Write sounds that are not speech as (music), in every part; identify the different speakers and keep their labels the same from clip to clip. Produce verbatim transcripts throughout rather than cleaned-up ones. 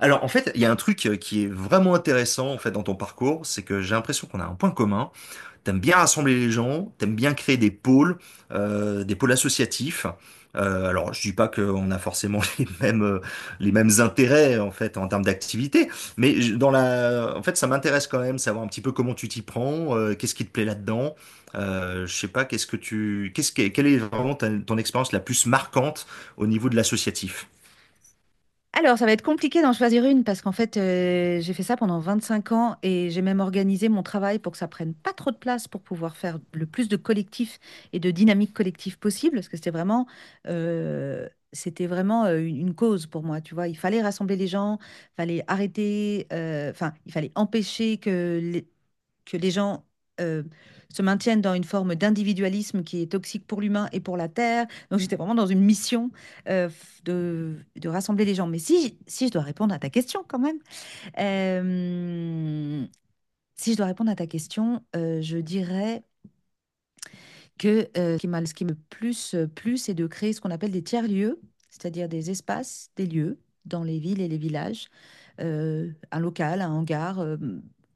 Speaker 1: Alors en fait, il y a un truc euh, qui est vraiment intéressant en fait dans ton parcours, c'est que j'ai l'impression qu'on a un point commun. T'aimes bien rassembler les gens, t'aimes bien créer des pôles, euh, des pôles associatifs. Euh, alors je dis pas qu'on a forcément (laughs) les mêmes euh, les mêmes intérêts en fait en termes d'activité, mais je- dans la, en fait ça m'intéresse quand même savoir un petit peu comment tu t'y prends, euh, qu'est-ce qui te plaît là-dedans. Euh, je sais pas, qu'est-ce que tu, qu'est-ce que, quelle est vraiment ta- ton expérience la plus marquante au niveau de l'associatif?
Speaker 2: Alors, ça va être compliqué d'en choisir une parce qu'en fait, euh, j'ai fait ça pendant vingt-cinq ans et j'ai même organisé mon travail pour que ça prenne pas trop de place pour pouvoir faire le plus de collectifs et de dynamique collective possible parce que c'était vraiment, euh, c'était vraiment euh, une une cause pour moi, tu vois. Il fallait rassembler les gens, fallait arrêter, euh, enfin, il fallait empêcher que les- que les gens euh, se maintiennent dans une forme d'individualisme qui est toxique pour l'humain et pour la Terre. Donc j'étais vraiment dans une mission euh, de, de, rassembler les gens. Mais si, si je dois répondre à ta question quand même, euh, si je dois répondre à ta question, euh, je dirais que euh, ce qui m'a- ce qui me plus euh, plu, c'est de créer ce qu'on appelle des tiers-lieux, c'est-à-dire des espaces, des lieux dans les villes et les villages, euh, un local, un hangar, euh,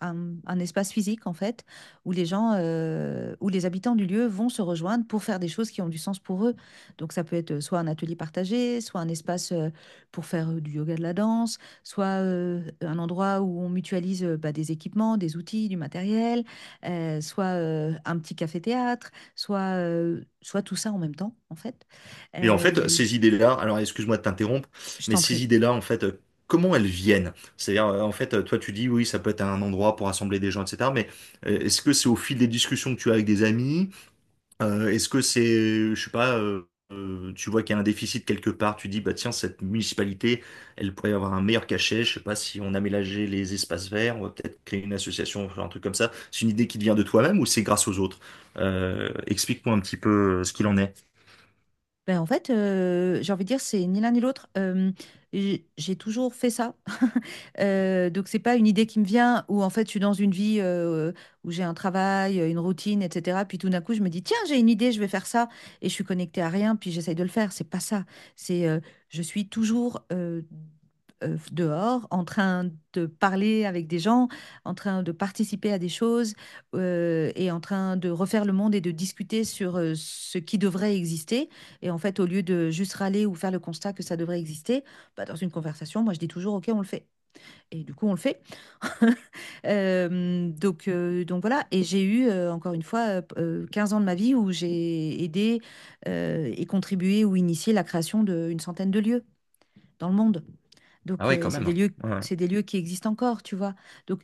Speaker 2: un, un espace physique en fait, où les gens, euh, où les habitants du lieu vont se rejoindre pour faire des choses qui ont du sens pour eux. Donc ça peut être euh, soit un atelier partagé, soit un espace euh, pour faire euh, du yoga, de la danse, soit euh, un endroit où on mutualise euh, bah, des équipements, des outils, du matériel, euh, soit euh, un petit café-théâtre soit, euh, soit tout ça en même temps, en fait.
Speaker 1: Et en
Speaker 2: Euh, il y a
Speaker 1: fait,
Speaker 2: eu,
Speaker 1: ces idées-là, alors excuse-moi de t'interrompre,
Speaker 2: je
Speaker 1: mais
Speaker 2: t'en
Speaker 1: ces
Speaker 2: prie.
Speaker 1: idées-là, en fait, euh, comment elles viennent? C'est-à-dire, euh, en fait, euh, toi, tu dis, oui, ça peut être un endroit pour rassembler des gens, et cetera. Mais euh, est-ce que c'est au fil des discussions que tu as avec des amis? Euh, est-ce que c'est, je sais pas, euh, euh, tu vois qu'il y a un déficit quelque part, tu dis, bah tiens, cette municipalité, elle pourrait avoir un meilleur cachet, je sais pas, si on aménageait les espaces verts, on va peut-être créer une association, faire un truc comme ça. C'est une idée qui te vient de toi-même ou c'est grâce aux autres? Euh, explique-moi un petit peu euh, ce qu'il en est.
Speaker 2: Ben, en fait, euh, j'ai envie de dire, c'est ni l'un ni l'autre. Euh, j'ai j'ai toujours fait ça. (laughs) Euh, donc, c'est pas une idée qui me vient où, en fait, je suis dans une vie euh, où j'ai un travail, une routine, et cetera. Puis tout d'un coup, je me dis, tiens, j'ai une idée, je vais faire ça. Et je suis connectée à rien, puis j'essaye de le faire. C'est pas ça. C'est, euh, je suis toujours euh, euh, dehors, en train de parler avec des gens, en train de participer à des choses euh, et en train de refaire le monde et de discuter sur euh, ce qui devrait exister. Et en fait, au lieu de juste râler ou faire le constat que ça devrait exister, bah, dans une conversation, moi, je dis toujours, OK, on le fait. Et du coup, on le fait. (laughs) Euh, donc, euh, donc voilà. Et j'ai eu, euh, encore une fois, euh, p- euh, quinze ans de ma vie où j'ai aidé euh, et contribué ou initié la création d'une centaine de lieux dans le monde.
Speaker 1: Ah
Speaker 2: Donc,
Speaker 1: ouais,
Speaker 2: euh, et
Speaker 1: quand
Speaker 2: c'est des
Speaker 1: même.
Speaker 2: lieux,
Speaker 1: Ouais.
Speaker 2: c'est des lieux qui existent encore, tu vois. Donc,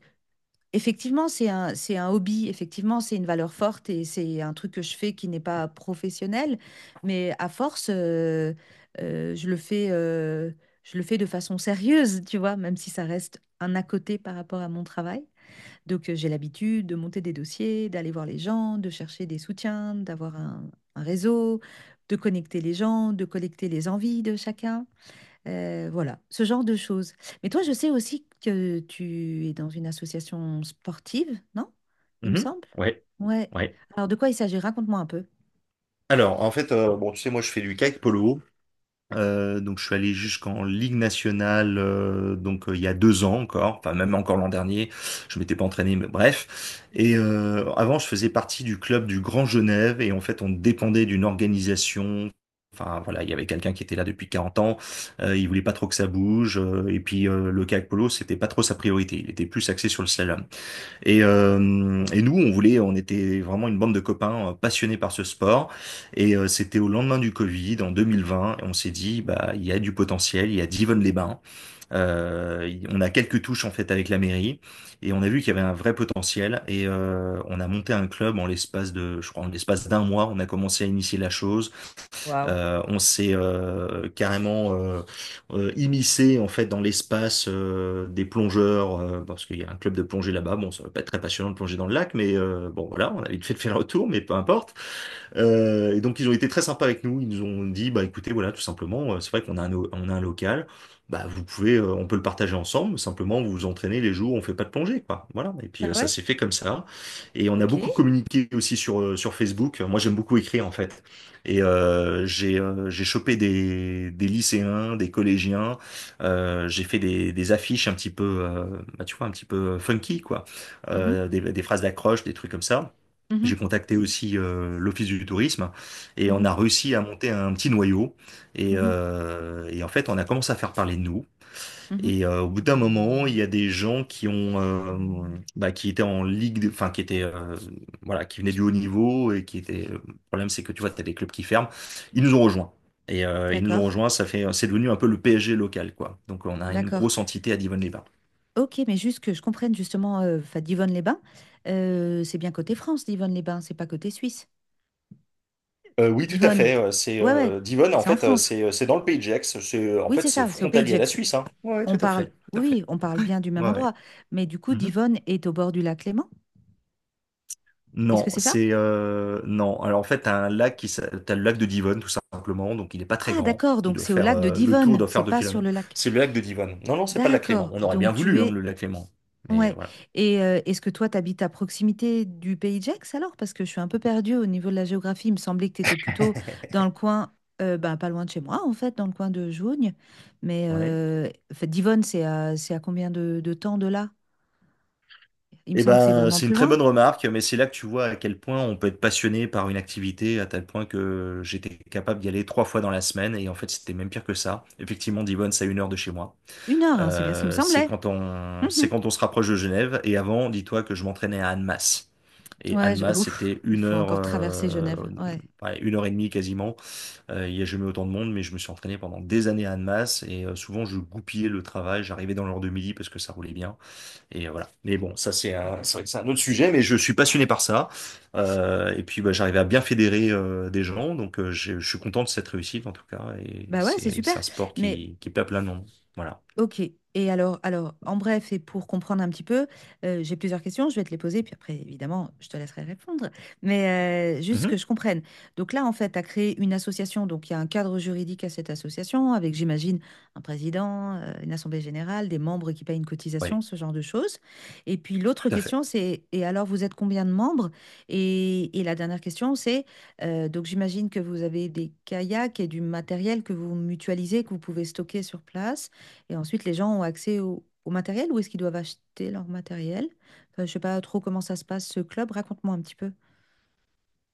Speaker 2: effectivement, c'est un c'est un hobby, effectivement, c'est une valeur forte et c'est un truc que je fais qui n'est pas professionnel, mais à force, heu heu, je le fais, heu, je le fais de façon sérieuse, tu vois? Même si ça reste un à côté par rapport à mon travail. Donc, heu, j'ai l'habitude de monter des dossiers, d'aller voir les gens, de chercher des soutiens, d'avoir un un réseau, de connecter les gens, de collecter les envies de chacun. Euh, voilà, ce genre de choses. Mais toi, je sais aussi que tu es dans une association sportive, non? Il me
Speaker 1: Mhm.
Speaker 2: semble.
Speaker 1: Ouais,
Speaker 2: Ouais.
Speaker 1: ouais.
Speaker 2: Alors, de quoi il s'agit? Raconte-moi un peu.
Speaker 1: Alors, en fait, euh, bon, tu sais, moi, je fais du kayak polo. Euh, donc, je suis allé jusqu'en Ligue nationale, euh, donc euh, il y a deux ans encore, enfin même encore l'an dernier. Je m'étais pas entraîné, mais bref. Et euh, avant, je faisais partie du club du Grand Genève, et en fait, on dépendait d'une organisation. Enfin voilà, il y avait quelqu'un qui était là depuis quarante ans. Euh, il voulait pas trop que ça bouge, euh, et puis euh, le kayak polo, c'était pas trop sa priorité. Il était plus axé sur le slalom. Et, euh, et nous, on voulait, on était vraiment une bande de copains euh, passionnés par ce sport. Et euh, c'était au lendemain du Covid, en deux mille vingt, et on s'est dit, bah, il y a du potentiel, il y a Divonne-les-Bains. Euh, y- on a quelques touches en fait avec la mairie, et on a vu qu'il y avait un vrai potentiel. Et euh, on a monté un club en l'espace de, je crois, en l'espace d'un mois, on a commencé à initier la chose.
Speaker 2: Waouh.
Speaker 1: Euh, on s'est euh, carrément euh, euh, immiscé en fait dans l'espace euh, des plongeurs euh, parce qu'il y a un club de plongée là-bas. Bon, ça va pas être très passionnant de plonger dans le lac, mais euh, bon voilà, on a vite fait de faire le retour, mais peu importe. Euh, et donc ils ont été très sympas avec nous. Ils nous ont dit, bah écoutez, voilà, tout simplement, euh, c'est vrai qu'on a un, o- on a un local, bah vous pouvez, euh, on peut le partager ensemble. Simplement, vous vous entraînez les jours où on fait pas de plongée, quoi. Voilà. Et
Speaker 2: Bah
Speaker 1: puis euh, ça
Speaker 2: ouais,
Speaker 1: s'est fait comme ça. Et on a
Speaker 2: ok.
Speaker 1: beaucoup communiqué aussi sur euh, sur Facebook. Moi, j'aime beaucoup écrire en fait. Et euh, j'ai euh, j'ai chopé des des lycéens, des collégiens. Euh, j'ai fait des des affiches un petit peu, euh, bah tu vois, un petit peu euh, funky, quoi.
Speaker 2: Mhm,
Speaker 1: Euh, des des phrases d'accroche, des trucs comme ça.
Speaker 2: mhm,
Speaker 1: J'ai contacté aussi euh, l'Office du tourisme et on
Speaker 2: mhm,
Speaker 1: a réussi à monter un petit noyau. Et,
Speaker 2: mhm,
Speaker 1: euh, et en fait, on a commencé à faire parler de nous.
Speaker 2: mhm.
Speaker 1: Et euh, au bout d'un moment, il y a des gens qui ont, euh, bah, qui étaient en ligue, de- enfin qui étaient, euh, voilà, qui venaient du haut niveau et qui étaient. euh, Le problème, c'est que tu vois, t'as des clubs qui ferment. Ils nous ont rejoints. Et euh, ils nous ont
Speaker 2: D'accord,
Speaker 1: rejoints. Ça fait, c'est devenu un peu le P S G local, quoi. Donc, on a une
Speaker 2: d'accord.
Speaker 1: grosse entité à Divonne-les-Bains.
Speaker 2: Ok, mais juste que je comprenne justement, euh, enfin, Divonne-les-Bains, euh, c'est bien côté France, Divonne-les-Bains, c'est pas côté Suisse.
Speaker 1: Euh, oui, tout à
Speaker 2: Divonne,
Speaker 1: fait. euh, C'est
Speaker 2: ouais, ouais,
Speaker 1: euh, Divonne, en
Speaker 2: c'est en
Speaker 1: fait, euh,
Speaker 2: France.
Speaker 1: c'est euh, c'est dans le pays de Gex. C'est en
Speaker 2: Oui,
Speaker 1: fait
Speaker 2: c'est
Speaker 1: c'est
Speaker 2: ça, c'est au Pays de
Speaker 1: frontalier à la
Speaker 2: Gex.
Speaker 1: Suisse, hein. Ouais,
Speaker 2: On
Speaker 1: tout à
Speaker 2: parle,
Speaker 1: fait, tout à
Speaker 2: oui,
Speaker 1: fait.
Speaker 2: oui, on parle bien du même
Speaker 1: Ouais. Ouais.
Speaker 2: endroit, mais du coup,
Speaker 1: Mhm.
Speaker 2: Divonne est au bord du lac Léman. Est-ce que
Speaker 1: Non,
Speaker 2: c'est ça?
Speaker 1: c'est euh, non. Alors en fait, t'as un lac qui s'a- t'as le lac de Divonne tout simplement. Donc il est pas très
Speaker 2: Ah,
Speaker 1: grand.
Speaker 2: d'accord,
Speaker 1: Il
Speaker 2: donc
Speaker 1: doit
Speaker 2: c'est au
Speaker 1: faire
Speaker 2: lac de
Speaker 1: euh, le tour
Speaker 2: Divonne,
Speaker 1: doit
Speaker 2: c'est
Speaker 1: faire deux
Speaker 2: pas sur
Speaker 1: kilomètres.
Speaker 2: le lac.
Speaker 1: C'est le lac de Divonne. Non, non, c'est pas le lac Clément.
Speaker 2: D'accord,
Speaker 1: On aurait bien
Speaker 2: donc tu
Speaker 1: voulu hein, le
Speaker 2: es...
Speaker 1: lac Clément, mais
Speaker 2: Ouais.
Speaker 1: voilà.
Speaker 2: Et euh, est-ce que toi, t'habites à proximité du pays de Gex alors? Parce que je suis un peu perdue au niveau de la géographie. Il me semblait que t'étais plutôt dans le
Speaker 1: (laughs)
Speaker 2: coin, euh, bah, pas loin de chez moi, en fait, dans le coin de Jougne. Mais
Speaker 1: Ouais.
Speaker 2: euh, en fait, Divonne, c'est à, c'est à combien de, de temps de là? Il me
Speaker 1: Eh
Speaker 2: semble que c'est
Speaker 1: ben,
Speaker 2: vraiment
Speaker 1: c'est une
Speaker 2: plus
Speaker 1: très
Speaker 2: loin.
Speaker 1: bonne remarque, mais c'est là que tu vois à quel point on peut être passionné par une activité, à tel point que j'étais capable d'y aller trois fois dans la semaine, et en fait, c'était même pire que ça. Effectivement, Divonne, c'est à une heure de chez moi.
Speaker 2: Une heure, hein, c'est bien ce qui me
Speaker 1: Euh, c'est
Speaker 2: semblait.
Speaker 1: quand on,
Speaker 2: (laughs)
Speaker 1: c'est quand on se rapproche de Genève, et avant, dis-toi que je m'entraînais à Annemasse. Et
Speaker 2: Ouais, je-
Speaker 1: Annemasse,
Speaker 2: ouf,
Speaker 1: c'était
Speaker 2: il
Speaker 1: une
Speaker 2: faut
Speaker 1: heure,
Speaker 2: encore traverser
Speaker 1: euh,
Speaker 2: Genève. Ouais.
Speaker 1: ouais, une heure et demie quasiment. Euh, il n'y a jamais autant de monde, mais je me suis entraîné pendant des années à Annemasse, et euh, souvent, je goupillais le travail, j'arrivais dans l'heure de midi parce que ça roulait bien. Et euh, voilà. Mais bon, ça c'est un, c'est vrai que c'est un autre sujet, mais je suis passionné par ça. Euh, et puis bah, j'arrive à bien fédérer euh, des gens, donc euh, je, je suis content de cette réussite en tout cas. Et
Speaker 2: Bah ouais, c'est
Speaker 1: c'est
Speaker 2: super.
Speaker 1: c'est un sport
Speaker 2: Mais
Speaker 1: qui, qui plaît à plein de monde. Voilà.
Speaker 2: ok. Et alors, alors, en bref, et pour comprendre un petit peu, euh, j'ai plusieurs questions, je vais te les poser, puis après, évidemment, je te laisserai répondre. Mais euh, juste que
Speaker 1: Mhm.
Speaker 2: je comprenne. Donc là, en fait, tu as créé une association, donc il y a un cadre juridique à cette association, avec, j'imagine, un président, euh, une assemblée générale, des membres qui payent une
Speaker 1: Oui,
Speaker 2: cotisation, ce genre de choses. Et puis l'autre
Speaker 1: tout à fait.
Speaker 2: question, c'est, et alors, vous êtes combien de membres? Et, et la dernière question, c'est, euh, donc j'imagine que vous avez des kayaks et du matériel que vous mutualisez, que vous pouvez stocker sur place. Et ensuite, les gens ont accès au, au matériel ou est-ce qu'ils doivent acheter leur matériel? Enfin, je sais pas trop comment ça se passe, ce club. Raconte-moi un petit peu.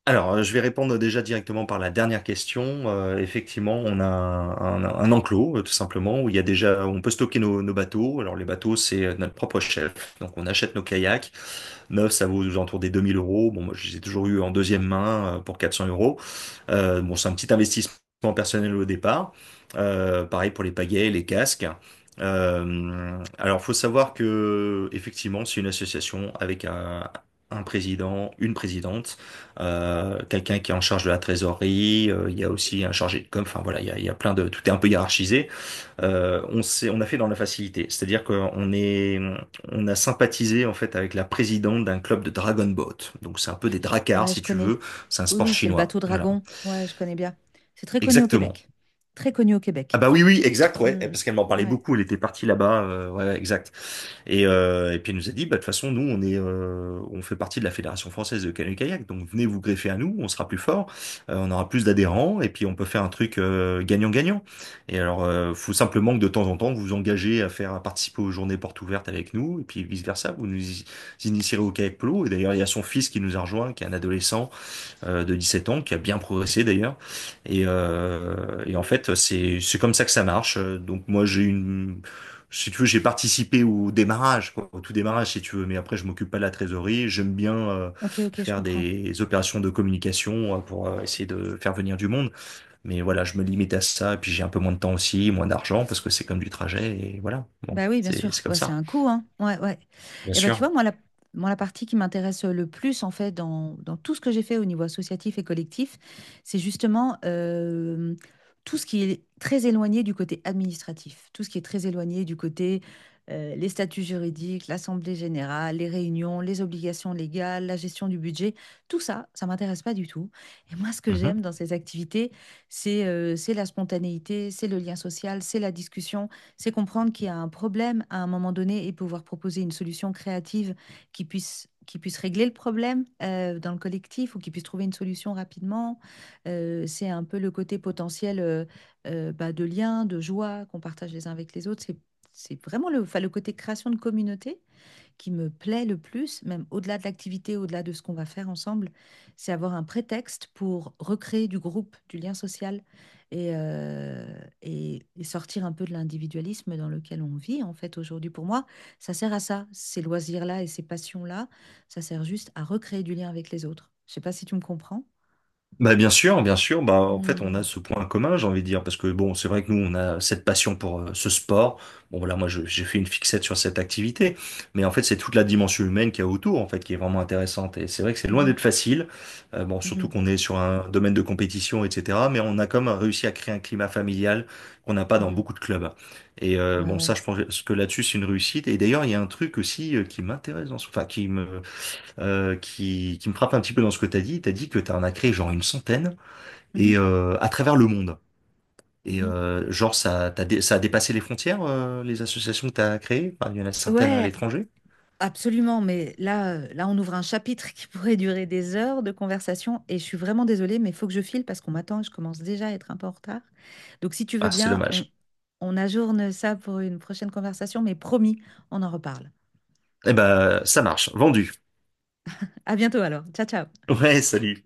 Speaker 1: Alors, euh, je vais répondre déjà directement par la dernière question. Euh, effectivement, on a un, un- un enclos, euh, tout simplement, où il y a déjà, où on peut stocker nos, nos bateaux. Alors, les bateaux, c'est euh, notre propre chef. Donc, on achète nos kayaks Neuf, ça vaut aux alentours des deux mille euros. Bon, moi, je les ai toujours eu en deuxième main euh, pour quatre cents euros. Euh, bon, c'est un petit investissement personnel au départ. Euh, pareil pour les pagaies, les casques. Euh, alors, faut savoir que effectivement, c'est une association avec un, un président, une présidente, euh, quelqu'un qui est en charge de la trésorerie. Euh, il y a aussi un chargé de com. Enfin voilà, il y a, il y a plein de, tout est un peu hiérarchisé euh, on s'est, on a fait dans la facilité. C'est-à-dire qu'on est, on a sympathisé en fait avec la présidente d'un club de Dragon Boat. Donc c'est un peu des dracars
Speaker 2: Ouais, je
Speaker 1: si tu
Speaker 2: connais.
Speaker 1: veux. C'est un
Speaker 2: Oui,
Speaker 1: sport
Speaker 2: oui, c'est le
Speaker 1: chinois.
Speaker 2: bateau
Speaker 1: Voilà.
Speaker 2: Dragon. Ouais, je connais bien. C'est très connu au
Speaker 1: Exactement.
Speaker 2: Québec. Très connu au
Speaker 1: Ah
Speaker 2: Québec.
Speaker 1: bah oui, oui, exact, ouais, Eh,
Speaker 2: Hmm,
Speaker 1: parce qu'elle m'en parlait
Speaker 2: ouais.
Speaker 1: beaucoup, elle était partie là-bas, euh, ouais, ouais, exact. Et, euh, et puis elle nous a dit, bah de toute façon, nous, on est, euh, on fait partie de la Fédération française de canoë-kayak, donc venez vous greffer à nous, on sera plus fort, euh, on aura plus d'adhérents, et puis on peut faire un truc euh, gagnant-gagnant. Et alors, euh, faut simplement que de temps en temps, vous vous engagez à faire à participer aux journées portes ouvertes avec nous, et puis vice-versa, vous nous initierez au kayak polo, et d'ailleurs, il y a son fils qui nous a rejoint, qui est un adolescent, euh, de dix-sept ans, qui a bien progressé d'ailleurs. Et, euh, et en fait, c'est c'est comme ça que ça marche. Donc moi, j'ai une, si tu veux, j'ai participé au démarrage, quoi, au tout démarrage, si tu veux. Mais après, je m'occupe pas de la trésorerie. J'aime bien euh,
Speaker 2: Ok, ok, je
Speaker 1: faire
Speaker 2: comprends.
Speaker 1: des opérations de communication euh, pour euh, essayer de faire venir du monde. Mais voilà, je me limite à ça. Et puis j'ai un peu moins de temps aussi, moins d'argent, parce que c'est comme du trajet. Et voilà, bon,
Speaker 2: Bah oui, bien
Speaker 1: c'est
Speaker 2: sûr.
Speaker 1: c'est comme
Speaker 2: Ouais, c'est
Speaker 1: ça,
Speaker 2: un coût, hein. Ouais, ouais.
Speaker 1: bien
Speaker 2: Et ben tu
Speaker 1: sûr.
Speaker 2: vois, moi, la, moi, la partie qui m'intéresse le plus, en fait, dans, dans tout ce que j'ai fait au niveau associatif et collectif, c'est justement euh, tout ce qui est très éloigné du côté administratif, tout ce qui est très éloigné du côté euh, les statuts juridiques, l'assemblée générale, les réunions, les obligations légales, la gestion du budget, tout ça, ça m'intéresse pas du tout. Et moi, ce que
Speaker 1: Mhm.
Speaker 2: j'aime dans ces activités, c'est euh, c'est la spontanéité, c'est le lien social, c'est la discussion c'est comprendre qu'il y a un problème à un moment donné et pouvoir proposer une solution créative qui puisse, qui puisse régler le problème euh, dans le collectif ou qui puisse trouver une solution rapidement. Euh, c'est un peu le côté potentiel euh, euh, bah, de lien, de joie qu'on partage les uns avec les autres. C'est, c'est vraiment le, enfin, le côté création de communauté qui me plaît le plus, même au-delà de l'activité, au-delà de ce qu'on va faire ensemble, c'est avoir un prétexte pour recréer du groupe, du lien social et, euh, et, et sortir un peu de l'individualisme dans lequel on vit en fait aujourd'hui. Pour moi, ça sert à ça, ces loisirs-là et ces passions-là, ça sert juste à recréer du lien avec les autres. Je sais pas si tu me comprends.
Speaker 1: Bah bien sûr, bien sûr. Bah en fait, on a
Speaker 2: Mhm,
Speaker 1: ce point commun, j'ai envie de dire, parce que bon, c'est vrai que nous, on a cette passion pour euh, ce sport. Bon voilà, moi, je- j'ai fait une fixette sur cette activité, mais en fait, c'est toute la dimension humaine qu'il y a autour, en fait, qui est vraiment intéressante. Et c'est vrai que c'est loin
Speaker 2: mhm,
Speaker 1: d'être facile. Euh, bon, surtout
Speaker 2: mhm,
Speaker 1: qu'on est sur un domaine de compétition, et cetera. Mais on a quand même réussi à créer un climat familial qu'on n'a pas dans
Speaker 2: mhm.
Speaker 1: beaucoup de clubs. Et euh,
Speaker 2: Bah
Speaker 1: bon, ça,
Speaker 2: ouais.
Speaker 1: je pense que là-dessus, c'est une réussite. Et d'ailleurs, il y a un truc aussi euh, qui m'intéresse dans ce, enfin, qui me euh, qui, qui me frappe un petit peu dans ce que t'as dit. T'as dit que t'en as créé genre une centaine et
Speaker 2: Mhm,
Speaker 1: euh, à travers le monde. Et
Speaker 2: mhm.
Speaker 1: euh, genre ça, t'as dé- ça a dépassé les frontières, euh, les associations que t'as créées. Enfin, il y en a certaines à
Speaker 2: Ouais,
Speaker 1: l'étranger.
Speaker 2: absolument, mais là, heu, là, on ouvre un chapitre qui (laughs) pourrait durer des heures de conversation et je suis vraiment désolée, mais il faut que je file parce qu'on m'attend et je commence déjà à être un peu en retard. Donc si tu veux
Speaker 1: Ah, c'est
Speaker 2: bien, on
Speaker 1: dommage.
Speaker 2: on ajourne ça pour une prochaine conversation, mais promis, on en reparle.
Speaker 1: Eh ben, ça marche. Vendu.
Speaker 2: À bientôt alors. Ciao, ciao.
Speaker 1: Ouais, salut.